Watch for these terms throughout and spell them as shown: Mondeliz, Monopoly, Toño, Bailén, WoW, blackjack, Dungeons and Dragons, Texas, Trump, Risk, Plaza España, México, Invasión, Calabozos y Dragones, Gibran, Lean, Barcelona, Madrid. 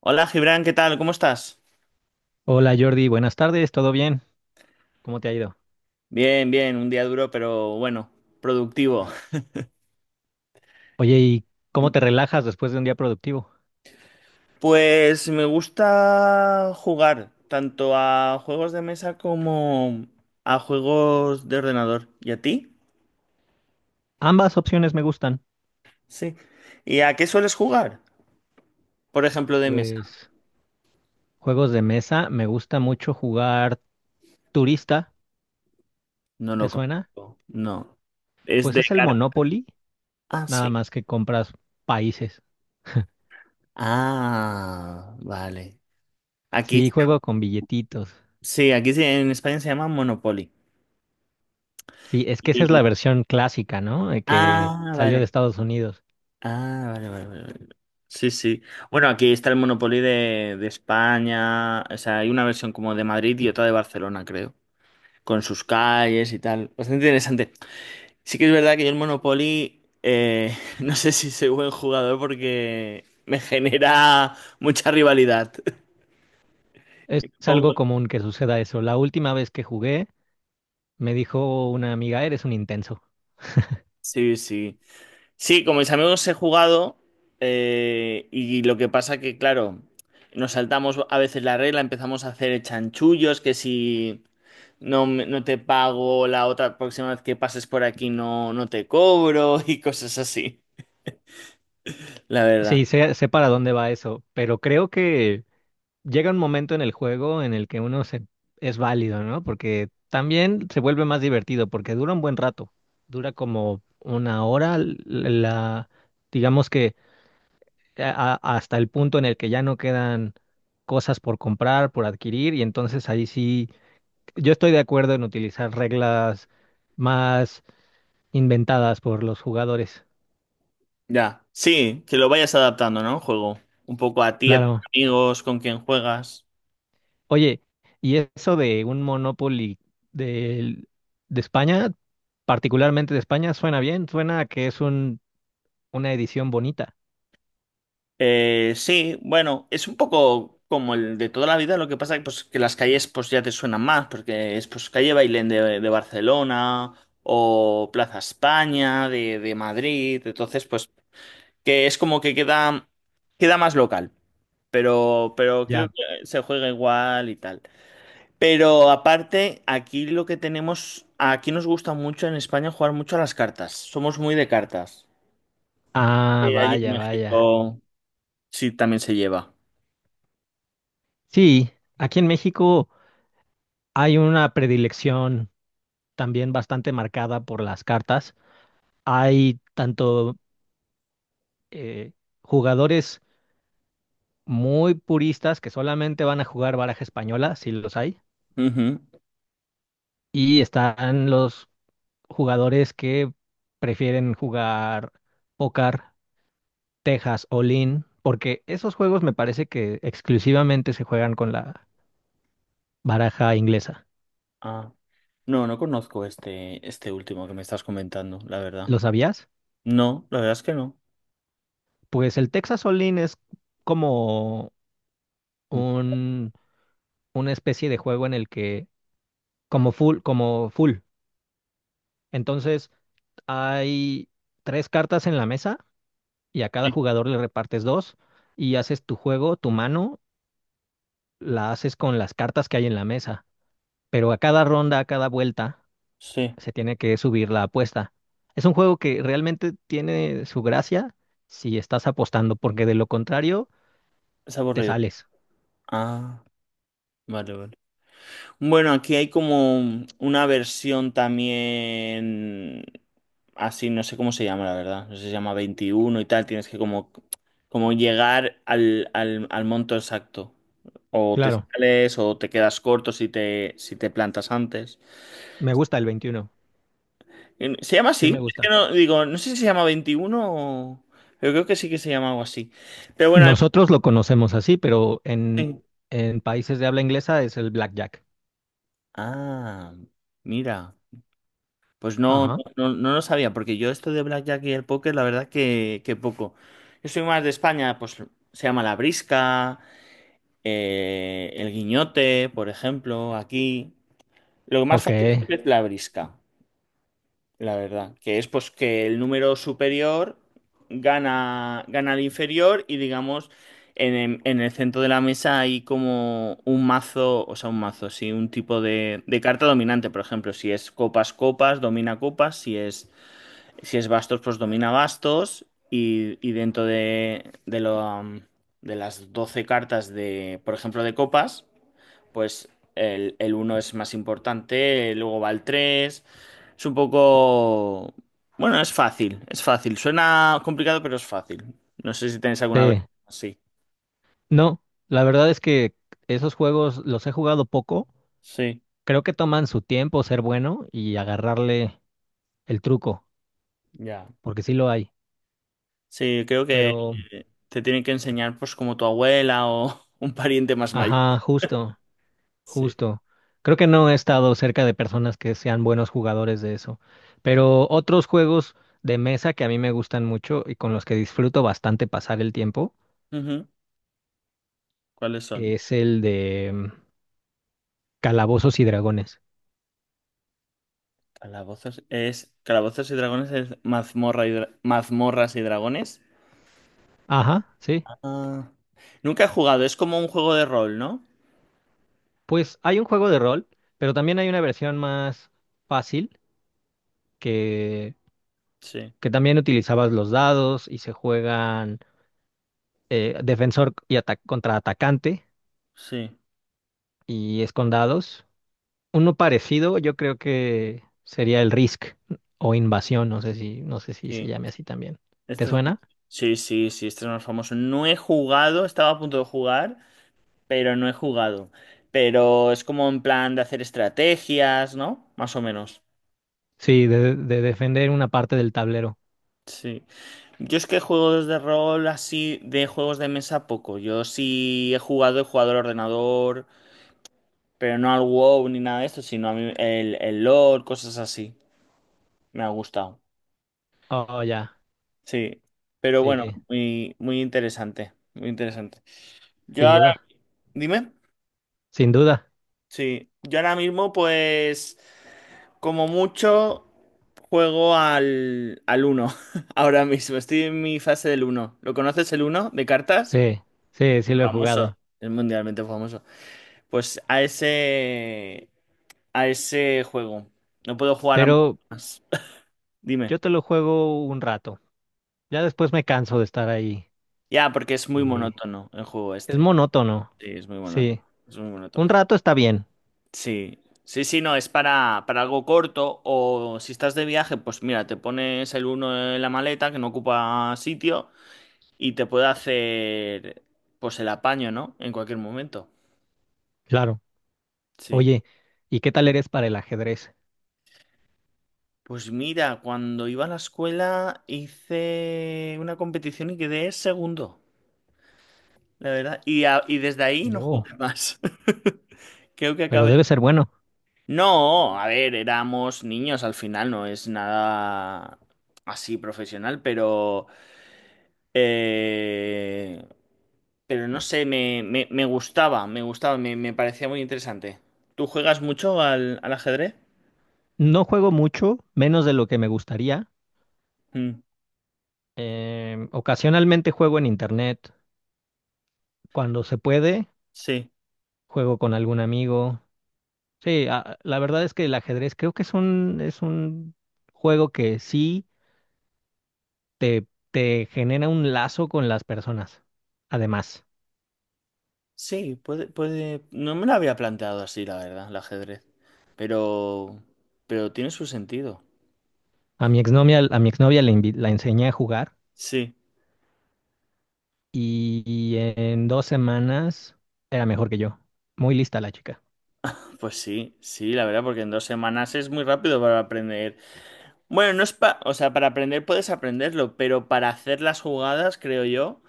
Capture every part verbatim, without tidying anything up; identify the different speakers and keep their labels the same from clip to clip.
Speaker 1: Hola Gibran, ¿qué tal? ¿Cómo estás?
Speaker 2: Hola Jordi, buenas tardes, ¿todo bien? ¿Cómo te ha ido?
Speaker 1: Bien, bien, un día duro, pero bueno, productivo.
Speaker 2: Oye, ¿y cómo te relajas después de un día productivo?
Speaker 1: Pues me gusta jugar tanto a juegos de mesa como a juegos de ordenador. ¿Y a ti?
Speaker 2: Ambas opciones me gustan.
Speaker 1: Sí. ¿Y a qué sueles jugar? Por ejemplo, de mesa.
Speaker 2: Pues juegos de mesa, me gusta mucho jugar turista,
Speaker 1: No
Speaker 2: ¿te
Speaker 1: lo
Speaker 2: suena?
Speaker 1: conozco. No. Es
Speaker 2: Pues
Speaker 1: de
Speaker 2: es el
Speaker 1: cartas.
Speaker 2: Monopoly,
Speaker 1: Ah,
Speaker 2: nada
Speaker 1: sí.
Speaker 2: más que compras países.
Speaker 1: Ah, vale. Aquí
Speaker 2: Sí,
Speaker 1: se-
Speaker 2: juego con billetitos.
Speaker 1: sí, aquí se- en España se llama Monopoly.
Speaker 2: Sí, es que esa es
Speaker 1: Y-
Speaker 2: la versión clásica, ¿no? De que
Speaker 1: Ah,
Speaker 2: salió de
Speaker 1: vale.
Speaker 2: Estados Unidos.
Speaker 1: Ah, vale, vale, vale, vale. Sí, sí. Bueno, aquí está el Monopoly de, de España. O sea, hay una versión como de Madrid y otra de Barcelona, creo. Con sus calles y tal. Bastante interesante. Sí que es verdad que yo el Monopoly, eh, no sé si soy buen jugador porque me genera mucha rivalidad.
Speaker 2: Es
Speaker 1: Me
Speaker 2: algo
Speaker 1: pongo-
Speaker 2: común que suceda eso. La última vez que jugué, me dijo una amiga, eres un intenso.
Speaker 1: Sí, sí. Sí, con mis amigos he jugado eh, y lo que pasa que, claro, nos saltamos a veces la regla, empezamos a hacer chanchullos, que si no, me- no te pago la otra próxima vez que pases por aquí, no, no te cobro y cosas así, la
Speaker 2: Sí,
Speaker 1: verdad.
Speaker 2: sé, sé para dónde va eso, pero creo que llega un momento en el juego en el que uno se, es válido, ¿no? Porque también se vuelve más divertido, porque dura un buen rato, dura como una hora, l- la, digamos que a- a- hasta el punto en el que ya no quedan cosas por comprar, por adquirir, y entonces ahí sí, yo estoy de acuerdo en utilizar reglas más inventadas por los jugadores.
Speaker 1: Ya, sí, que lo vayas adaptando, ¿no? El juego. Un poco a ti, a tus
Speaker 2: Claro.
Speaker 1: amigos, con quien juegas.
Speaker 2: Oye, y eso de un Monopoly del- de España, particularmente de España, suena bien, suena a que es un, una edición bonita.
Speaker 1: Eh, sí, bueno, es un poco como el de toda la vida, lo que pasa que, pues, que las calles pues ya te suenan más, porque es pues calle Bailén de, de Barcelona o Plaza España de, de Madrid, entonces pues que es como que queda, queda más local. pero, pero creo
Speaker 2: Ya.
Speaker 1: que se juega igual y tal. Pero aparte, aquí lo que tenemos, aquí nos gusta mucho en España jugar mucho a las cartas. Somos muy de cartas.
Speaker 2: Ah,
Speaker 1: Eh, allí en
Speaker 2: vaya, vaya.
Speaker 1: México sí también se lleva.
Speaker 2: Sí, aquí en México hay una predilección también bastante marcada por las cartas. Hay tanto eh, jugadores muy puristas que solamente van a jugar baraja española, si los hay,
Speaker 1: Ujú.
Speaker 2: y están los jugadores que prefieren jugar póker, Texas o Lean, porque esos juegos me parece que exclusivamente se juegan con la baraja inglesa.
Speaker 1: Ah, no, no conozco este, este último que me estás comentando, la verdad.
Speaker 2: ¿Lo sabías?
Speaker 1: No, la verdad es que no.
Speaker 2: Pues el Texas o Lean es como un, una especie de juego en el que, como full, como full. Entonces, hay tres cartas en la mesa y a cada
Speaker 1: Sí,
Speaker 2: jugador le repartes dos y haces tu juego, tu mano, la haces con las cartas que hay en la mesa, pero a cada ronda, a cada vuelta,
Speaker 1: sí,
Speaker 2: se tiene que subir la apuesta. Es un juego que realmente tiene su gracia si estás apostando, porque de lo contrario,
Speaker 1: es
Speaker 2: te
Speaker 1: aburrido.
Speaker 2: sales.
Speaker 1: Ah, vale, vale. Bueno, aquí hay como una versión también así, no sé cómo se llama, la verdad. No sé si se llama veintiuno y tal. Tienes que como, como llegar al, al, al monto exacto. O te
Speaker 2: Claro,
Speaker 1: sales o te quedas corto si te, si te plantas antes.
Speaker 2: me gusta el veintiuno,
Speaker 1: Eh, ¿Se llama
Speaker 2: sí
Speaker 1: así?
Speaker 2: me
Speaker 1: Es que
Speaker 2: gusta.
Speaker 1: no, digo, no sé si se llama veintiuno, o... Pero creo que sí que se llama algo así. Pero bueno,
Speaker 2: Nosotros lo conocemos así, pero en,
Speaker 1: hay-
Speaker 2: en países de habla inglesa es el blackjack.
Speaker 1: ah, mira. Pues no,
Speaker 2: Ajá,
Speaker 1: no, no lo sabía, porque yo esto de blackjack y el póker, la verdad que, que poco. Yo soy más de España, pues se llama la brisca, eh, el guiñote, por ejemplo, aquí. Lo más
Speaker 2: ok,
Speaker 1: fácil siempre es la brisca, la verdad, que es pues que el número superior gana, gana al inferior y digamos, en, el en el centro de la mesa hay como un mazo, o sea, un mazo, sí, un tipo de, de carta dominante. Por ejemplo, si es copas, copas, domina copas, si es si es Bastos, pues domina Bastos. Y, y dentro de, de, lo, am, de las doce cartas de, por ejemplo, de copas, pues el, el uno es más importante, luego va el tres. Es un poco... Bueno, es fácil, es fácil. Suena complicado, pero es fácil. No sé si tenéis alguna vez
Speaker 2: sí.
Speaker 1: así.
Speaker 2: No, la verdad es que esos juegos los he jugado poco.
Speaker 1: Sí,
Speaker 2: Creo que toman su tiempo ser bueno y agarrarle el truco,
Speaker 1: ya.
Speaker 2: porque sí lo hay.
Speaker 1: Sí, creo que
Speaker 2: Pero
Speaker 1: eh, te tienen que enseñar pues como tu abuela o un pariente más mayor.
Speaker 2: ajá, justo,
Speaker 1: Sí.
Speaker 2: justo. Creo que no he estado cerca de personas que sean buenos jugadores de eso. Pero otros juegos de mesa que a mí me gustan mucho y con los que disfruto bastante pasar el tiempo
Speaker 1: Ujú. ¿Cuáles son?
Speaker 2: es el de mm, Calabozos y Dragones.
Speaker 1: Calabozos es. Calabozos y Dragones es mazmorra y dra- Mazmorras y Dragones.
Speaker 2: Ajá, sí.
Speaker 1: Ah, nunca he jugado, es como un juego de rol, ¿no?
Speaker 2: Pues hay un juego de rol, pero también hay una versión más fácil que,
Speaker 1: Sí,
Speaker 2: que también utilizabas los dados y se juegan eh, defensor y ata- contra atacante
Speaker 1: sí,
Speaker 2: y es con dados. Uno parecido, yo creo que sería el Risk o Invasión, no sé si, no sé si se
Speaker 1: sí.
Speaker 2: llame así también. ¿Te
Speaker 1: Este es...
Speaker 2: suena?
Speaker 1: Sí, sí, sí, este es más famoso. No he jugado, estaba a punto de jugar, pero no he jugado. Pero es como en plan de hacer estrategias, ¿no? Más o menos.
Speaker 2: Sí, de, de defender una parte del tablero.
Speaker 1: Sí. Yo es que juegos de rol así, de juegos de mesa, poco. Yo sí he jugado, he jugado al ordenador. Pero no al WoW ni nada de esto, sino a mí el, el lore, cosas así. Me ha gustado.
Speaker 2: Oh, ya.
Speaker 1: Sí. Pero bueno,
Speaker 2: Sí,
Speaker 1: muy, muy interesante. Muy interesante. Yo
Speaker 2: sin
Speaker 1: ahora,
Speaker 2: duda.
Speaker 1: dime.
Speaker 2: Sin duda.
Speaker 1: Sí. Yo ahora mismo, pues, como mucho, juego al, al uno. Ahora mismo. Estoy en mi fase del uno. ¿Lo conoces el uno de cartas?
Speaker 2: Sí, sí, sí lo he
Speaker 1: Famoso.
Speaker 2: jugado.
Speaker 1: Es mundialmente famoso. Pues a ese, a ese juego. No puedo jugar a
Speaker 2: Pero
Speaker 1: más. Dime.
Speaker 2: yo te lo juego un rato. Ya después me canso de estar ahí.
Speaker 1: Ya, porque es muy
Speaker 2: Eh,
Speaker 1: monótono el juego
Speaker 2: es
Speaker 1: este.
Speaker 2: monótono.
Speaker 1: Sí, es muy monótono.
Speaker 2: Sí.
Speaker 1: Es muy monótono.
Speaker 2: Un rato está bien.
Speaker 1: Sí. Sí, sí, no, es para, para algo corto. O si estás de viaje, pues mira, te pones el uno en la maleta que no ocupa sitio y te puede hacer pues el apaño, ¿no? En cualquier momento.
Speaker 2: Claro.
Speaker 1: Sí.
Speaker 2: Oye, ¿y qué tal eres para el ajedrez?
Speaker 1: Pues mira, cuando iba a la escuela hice una competición y quedé segundo, la verdad. Y, a- y desde ahí no
Speaker 2: Oh,
Speaker 1: jugué más. Creo que
Speaker 2: pero
Speaker 1: acabé.
Speaker 2: debe ser bueno.
Speaker 1: No, a ver, éramos niños al final, no es nada así profesional, pero... eh, pero no sé, me, me, me gustaba, me gustaba, me, me parecía muy interesante. ¿Tú juegas mucho al, al ajedrez?
Speaker 2: No juego mucho, menos de lo que me gustaría.
Speaker 1: Mm,
Speaker 2: Em, ocasionalmente juego en internet. Cuando se puede,
Speaker 1: sí,
Speaker 2: juego con algún amigo. Sí, a- la verdad es que el ajedrez creo que es un, es un juego que sí te, te genera un lazo con las personas. Además,
Speaker 1: sí, puede, puede... No me lo había planteado así, la verdad, el ajedrez. Pero... Pero tiene su sentido.
Speaker 2: a mi exnovia, a mi exnovia le invi- la enseñé a jugar
Speaker 1: Sí,
Speaker 2: y, y en dos semanas era mejor que yo. Muy lista la chica.
Speaker 1: pues sí, sí, la verdad, porque en dos semanas es muy rápido para aprender. Bueno, no es pa, o sea, para aprender puedes aprenderlo, pero para hacer las jugadas, creo yo,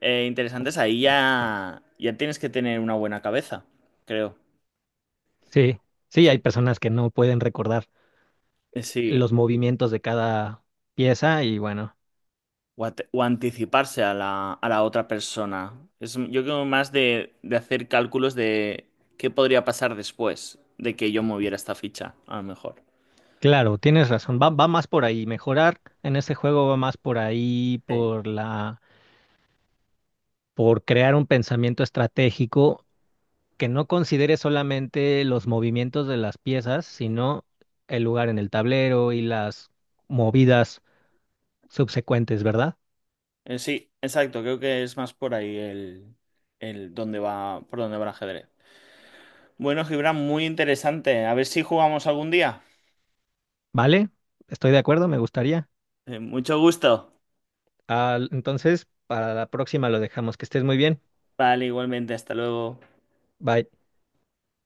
Speaker 1: eh, interesantes, ahí ya, ya tienes que tener una buena cabeza, creo.
Speaker 2: Sí, sí,
Speaker 1: Sí.
Speaker 2: hay personas que no pueden recordar
Speaker 1: Eh, sí.
Speaker 2: los movimientos de cada pieza y bueno,
Speaker 1: O, ate- o anticiparse a la, a la otra persona. Es, m- yo creo más de, de hacer cálculos de qué podría pasar después de que yo moviera esta ficha, a lo mejor.
Speaker 2: claro, tienes razón, va, va más por ahí, mejorar en este juego va más por ahí,
Speaker 1: Sí,
Speaker 2: por la, por crear un pensamiento estratégico que no considere solamente los movimientos de las piezas, sino el lugar en el tablero y las movidas subsecuentes, ¿verdad?
Speaker 1: Eh, sí, exacto, creo que es más por ahí el, el dónde va, por dónde va el ajedrez. Bueno, Gibran, muy interesante. A ver si jugamos algún día.
Speaker 2: ¿Vale? Estoy de acuerdo, me gustaría.
Speaker 1: Eh, mucho gusto.
Speaker 2: Ah, entonces, para la próxima lo dejamos. Que estés muy bien.
Speaker 1: Vale, igualmente, hasta luego.
Speaker 2: Bye.